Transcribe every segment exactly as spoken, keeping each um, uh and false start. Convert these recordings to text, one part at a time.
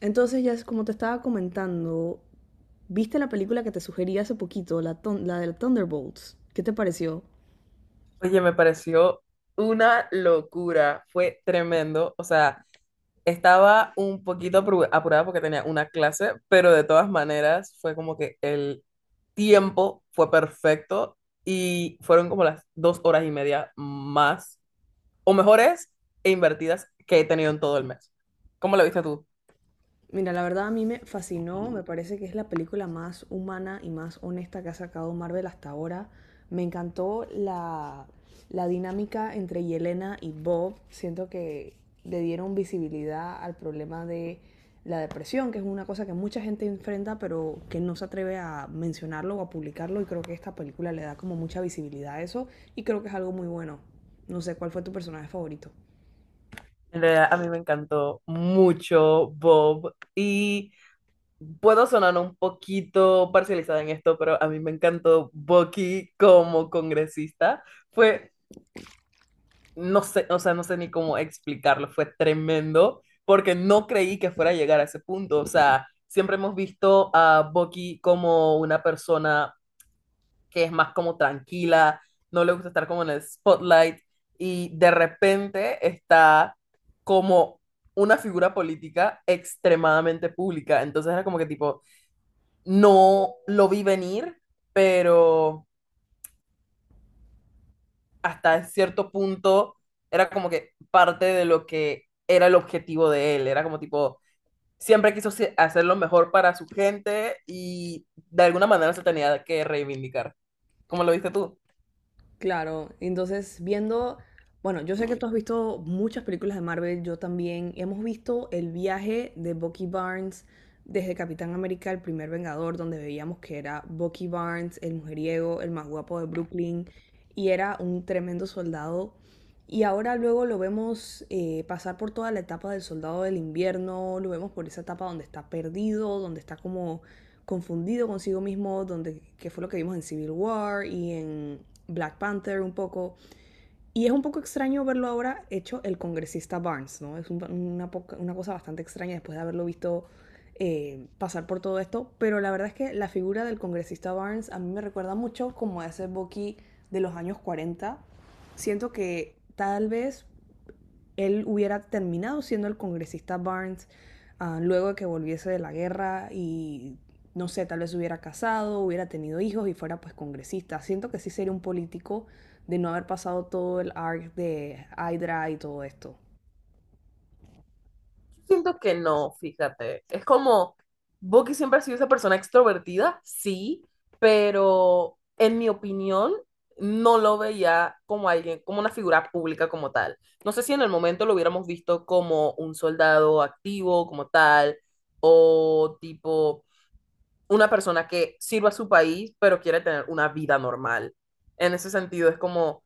Entonces, ya es como te estaba comentando, ¿viste la película que te sugerí hace poquito, la, ton- la de Thunderbolts? ¿Qué te pareció? Oye, me pareció una locura, fue tremendo. O sea, estaba un poquito apuru- apurada porque tenía una clase, pero de todas maneras fue como que el tiempo fue perfecto y fueron como las dos horas y media más, o mejores e invertidas que he tenido en todo el mes. ¿Cómo lo viste tú? Mira, la verdad a mí me fascinó, me parece que es la película más humana y más honesta que ha sacado Marvel hasta ahora. Me encantó la, la dinámica entre Yelena y Bob. Siento que le dieron visibilidad al problema de la depresión, que es una cosa que mucha gente enfrenta, pero que no se atreve a mencionarlo o a publicarlo. Y creo que esta película le da como mucha visibilidad a eso y creo que es algo muy bueno. No sé, ¿cuál fue tu personaje favorito? En realidad, a mí me encantó mucho Bob y puedo sonar un poquito parcializada en esto, pero a mí me encantó Bucky como congresista. Fue, no sé, o sea, no sé ni cómo explicarlo, fue tremendo, porque no creí que fuera a llegar a ese punto. O sea, siempre hemos visto a Bucky como una persona que es más como tranquila, no le gusta estar como en el spotlight, y de repente está como una figura política extremadamente pública. Entonces era como que tipo no lo vi venir, pero hasta cierto punto era como que parte de lo que era el objetivo de él, era como tipo, siempre quiso se- hacer lo mejor para su gente y de alguna manera se tenía que reivindicar. ¿Cómo lo viste tú? Claro, entonces viendo, bueno, yo sé que tú has visto muchas películas de Marvel, yo también. Hemos visto el viaje de Bucky Barnes desde Capitán América, el primer Vengador, donde veíamos que era Bucky Barnes, el mujeriego, el más guapo de Brooklyn, y era un tremendo soldado. Y ahora luego lo vemos eh, pasar por toda la etapa del soldado del invierno, lo vemos por esa etapa donde está perdido, donde está como confundido consigo mismo, donde, que fue lo que vimos en Civil War y en Black Panther un poco. Y es un poco extraño verlo ahora hecho el congresista Barnes, ¿no? Es un, una, poca, una, cosa bastante extraña después de haberlo visto eh, pasar por todo esto, pero la verdad es que la figura del congresista Barnes a mí me recuerda mucho como a ese Bucky de los años cuarenta. Siento que tal vez él hubiera terminado siendo el congresista Barnes uh, luego de que volviese de la guerra y no sé, tal vez hubiera casado, hubiera tenido hijos y fuera pues congresista. Siento que sí sería un político de no haber pasado todo el arc de Hydra y todo esto. Yo siento que no, fíjate. Es como, Bucky siempre ha sido esa persona extrovertida, sí, pero en mi opinión, no lo veía como alguien, como una figura pública como tal. No sé si en el momento lo hubiéramos visto como un soldado activo, como tal, o tipo una persona que sirva a su país, pero quiere tener una vida normal. En ese sentido, es como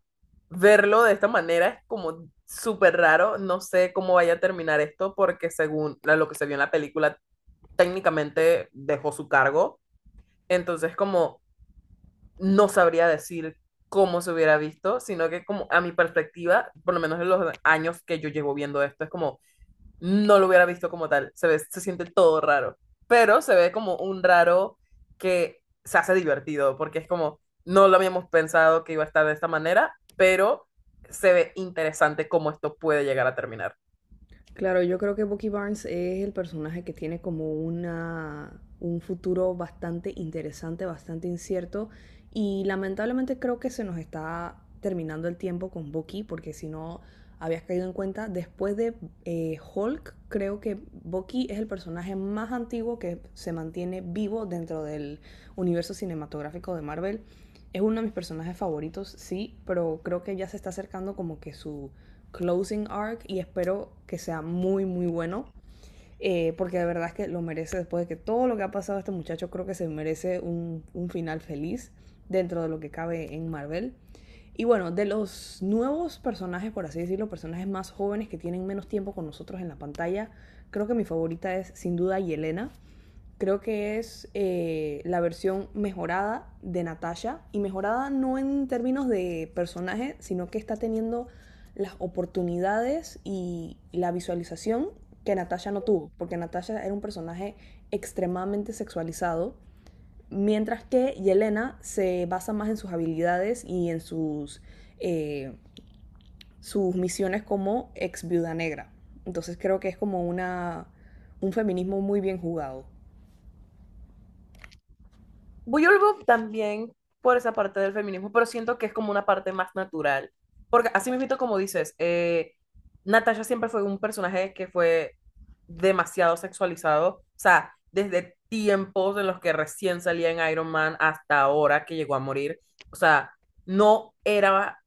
verlo de esta manera es como súper raro. No sé cómo vaya a terminar esto porque según la- lo que se vio en la película, técnicamente dejó su cargo. Entonces, como no sabría decir cómo se hubiera visto, sino que como a mi perspectiva, por lo menos en los años que yo llevo viendo esto, es como no lo hubiera visto como tal. Se ve, se siente todo raro. Pero se ve como un raro que se hace divertido, porque es como, no lo habíamos pensado que iba a estar de esta manera, pero se ve interesante cómo esto puede llegar a terminar. Claro, yo creo que Bucky Barnes es el personaje que tiene como una, un futuro bastante interesante, bastante incierto. Y lamentablemente creo que se nos está terminando el tiempo con Bucky, porque si no habías caído en cuenta, después de eh, Hulk, creo que Bucky es el personaje más antiguo que se mantiene vivo dentro del universo cinematográfico de Marvel. Es uno de mis personajes favoritos, sí, pero creo que ya se está acercando como que su closing arc y espero que sea muy, muy bueno. Eh, porque de verdad es que lo merece después de que todo lo que ha pasado a este muchacho, creo que se merece un, un final feliz dentro de lo que cabe en Marvel. Y bueno, de los nuevos personajes, por así decirlo, personajes más jóvenes que tienen menos tiempo con nosotros en la pantalla, creo que mi favorita es sin duda Yelena. Creo que es eh, la versión mejorada de Natasha. Y mejorada no en términos de personaje, sino que está teniendo las oportunidades y la visualización que Natasha no tuvo. Porque Natasha era un personaje extremadamente sexualizado. Mientras que Yelena se basa más en sus habilidades y en sus, eh, sus misiones como ex viuda negra. Entonces creo que es como una, un feminismo muy bien jugado. Buyolbo también por esa parte del feminismo, pero siento que es como una parte más natural. Porque así mismo, como dices, eh, Natasha siempre fue un personaje que fue demasiado sexualizado. O sea, desde tiempos en los que recién salía en Iron Man hasta ahora que llegó a morir. O sea, no era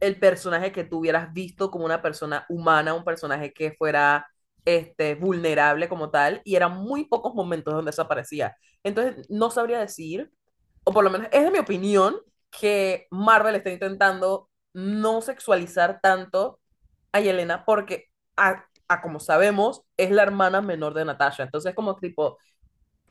el personaje que tú hubieras visto como una persona humana, un personaje que fuera este, vulnerable como tal, y eran muy pocos momentos donde desaparecía. Entonces, no sabría decir, o por lo menos es de mi opinión, que Marvel está intentando no sexualizar tanto a Yelena porque, a, a como sabemos, es la hermana menor de Natasha. Entonces, como tipo,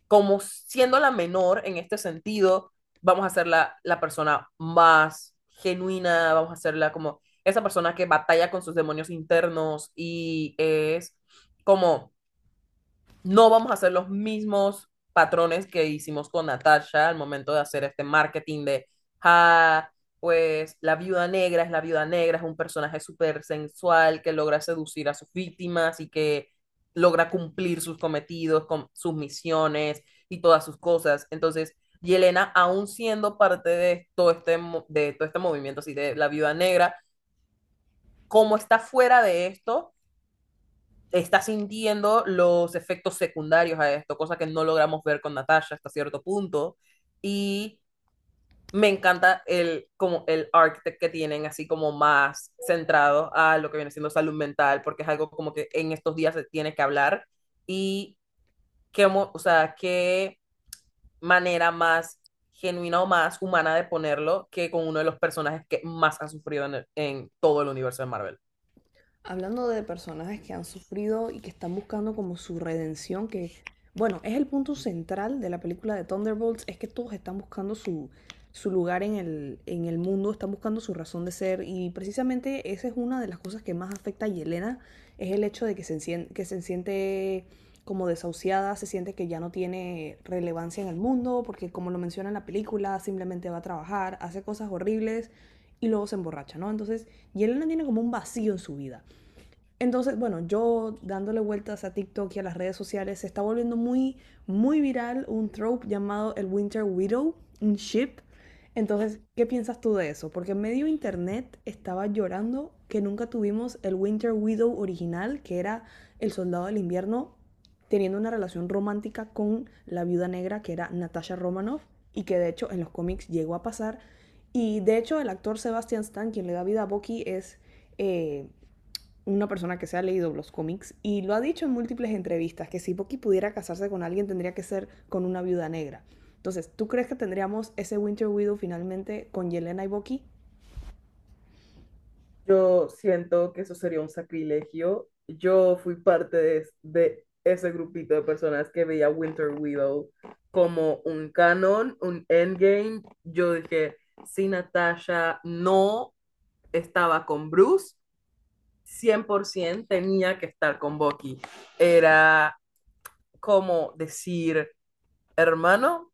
como siendo la menor en este sentido, vamos a hacerla la persona más genuina, vamos a hacerla como esa persona que batalla con sus demonios internos y es como no vamos a hacer los mismos patrones que hicimos con Natasha al momento de hacer este marketing de, ah, pues la viuda negra es la viuda negra, es un personaje súper sensual que logra seducir a sus víctimas y que logra cumplir sus cometidos, con sus misiones y todas sus cosas. Entonces, Yelena, aún siendo parte de todo este, de todo este movimiento así de la viuda negra, como está fuera de esto, está sintiendo los efectos secundarios a esto, cosa que no logramos ver con Natasha hasta cierto punto. Y me encanta el, como el arc que tienen, así como más centrado a lo que viene siendo salud mental, porque es algo como que en estos días se tiene que hablar. Y qué, o sea, qué manera más genuina o más humana de ponerlo que con uno de los personajes que más ha sufrido en, el, en todo el universo de Marvel. Hablando de personajes que han sufrido y que están buscando como su redención, que bueno, es el punto central de la película de Thunderbolts, es que todos están buscando su, su lugar en el, en el mundo, están buscando su razón de ser y precisamente esa es una de las cosas que más afecta a Yelena, es el hecho de que se, encien- que se siente como desahuciada, se siente que ya no tiene relevancia en el mundo, porque como lo menciona en la película, simplemente va a trabajar, hace cosas horribles y luego se emborracha, ¿no? Entonces, Yelena tiene como un vacío en su vida. Entonces, bueno, yo dándole vueltas a TikTok y a las redes sociales, se está volviendo muy, muy viral un trope llamado el Winter Widow, un ship. Entonces, ¿qué piensas tú de eso? Porque medio internet estaba llorando que nunca tuvimos el Winter Widow original, que era el soldado del invierno teniendo una relación romántica con la viuda negra, que era Natasha Romanoff, y que de hecho en los cómics llegó a pasar. Y de hecho el actor Sebastian Stan, quien le da vida a Bucky, es... eh, una persona que se ha leído los cómics y lo ha dicho en múltiples entrevistas, que si Bucky pudiera casarse con alguien tendría que ser con una viuda negra. Entonces, ¿tú crees que tendríamos ese Winter Widow finalmente con Yelena y Bucky? Yo siento que eso sería un sacrilegio. Yo fui parte de, de ese grupito de personas que veía Winter Widow como un canon, un endgame. Yo dije, si Natasha no estaba con Bruce, cien por ciento tenía que estar con Bucky. Era como decir, hermano,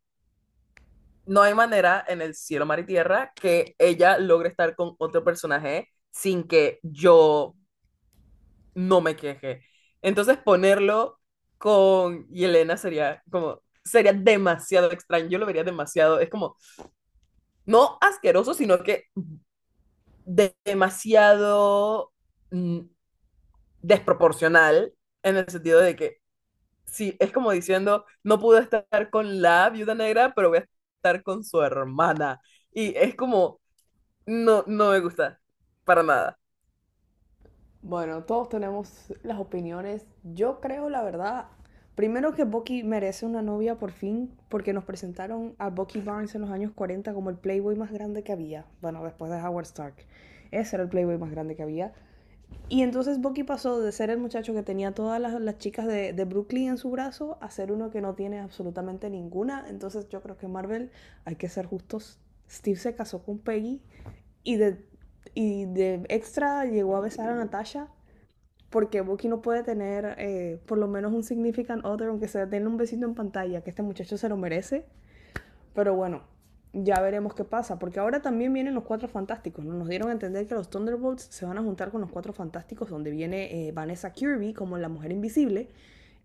no hay manera en el cielo, mar y tierra que ella logre estar con otro personaje sin que yo no me quejé. Entonces ponerlo con Yelena sería como, sería demasiado extraño, yo lo vería demasiado, es como, no asqueroso, sino que de- demasiado mm, desproporcional en el sentido de que, sí, es como diciendo, no pude estar con la viuda negra, pero voy a estar con su hermana. Y es como, no, no me gusta, para nada. Bueno, todos tenemos las opiniones. Yo creo, la verdad, primero que Bucky merece una novia por fin, porque nos presentaron a Bucky Barnes en los años cuarenta como el playboy más grande que había. Bueno, después de Howard Stark. Ese era el playboy más grande que había. Y entonces Bucky pasó de ser el muchacho que tenía todas las, las chicas de, de, Brooklyn en su brazo a ser uno que no tiene absolutamente ninguna. Entonces yo creo que Marvel, hay que ser justos, Steve se casó con Peggy y de, y de extra llegó a besar a Natasha porque Bucky no puede tener eh, por lo menos un significant other, aunque sea tener un besito en pantalla, que este muchacho se lo merece. Pero bueno, ya veremos qué pasa, porque ahora también vienen los Cuatro Fantásticos, ¿no? Nos dieron a entender que los Thunderbolts se van a juntar con los Cuatro Fantásticos, donde viene eh, Vanessa Kirby como la Mujer Invisible.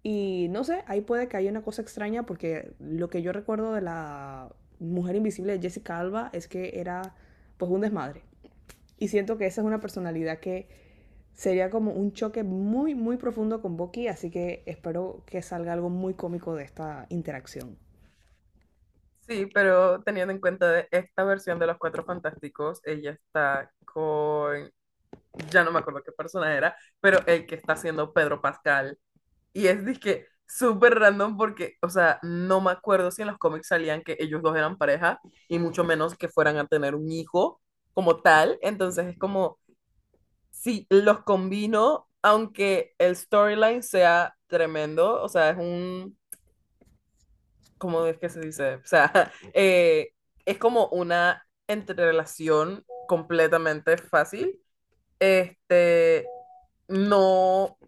Y no sé, ahí puede que haya una cosa extraña, porque lo que yo recuerdo de la Mujer Invisible de Jessica Alba es que era pues un desmadre. Y siento que esa es una personalidad que sería como un choque muy, muy profundo con Bucky, así que espero que salga algo muy cómico de esta interacción. Sí, pero teniendo en cuenta de esta versión de Los Cuatro Fantásticos, ella está con, ya no me acuerdo qué persona era, pero el que está haciendo Pedro Pascal. Y es disque súper random porque, o sea, no me acuerdo si en los cómics salían que ellos dos eran pareja y mucho menos que fueran a tener un hijo como tal. Entonces es como, si los combino, aunque el storyline sea tremendo, o sea, es un ¿cómo es que se dice? O sea, eh, es como una entrerelación completamente fácil. Este, no,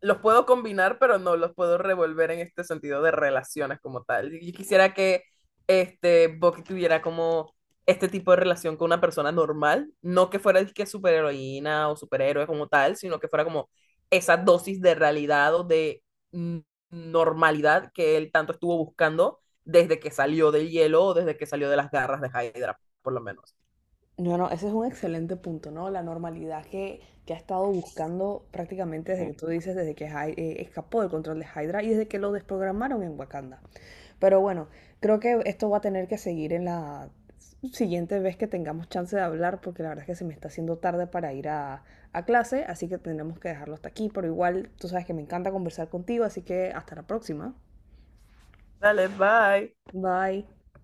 los puedo combinar, pero no los puedo revolver en este sentido de relaciones como tal. Yo quisiera que este Bucky tuviera como este tipo de relación con una persona normal, no que fuera el que superheroína o superhéroe como tal, sino que fuera como esa dosis de realidad o de mm, normalidad que él tanto estuvo buscando desde que salió del hielo o desde que salió de las garras de Hydra, por lo menos. No, no, ese es un excelente punto, ¿no? La normalidad que, que ha estado buscando prácticamente desde que tú dices, desde que Hy- eh, escapó del control de Hydra y desde que lo desprogramaron en Wakanda. Pero bueno, creo que esto va a tener que seguir en la siguiente vez que tengamos chance de hablar, porque la verdad es que se me está haciendo tarde para ir a, a clase, así que tendremos que dejarlo hasta aquí, pero igual tú sabes que me encanta conversar contigo, así que hasta la próxima. Dale, bye. Bye.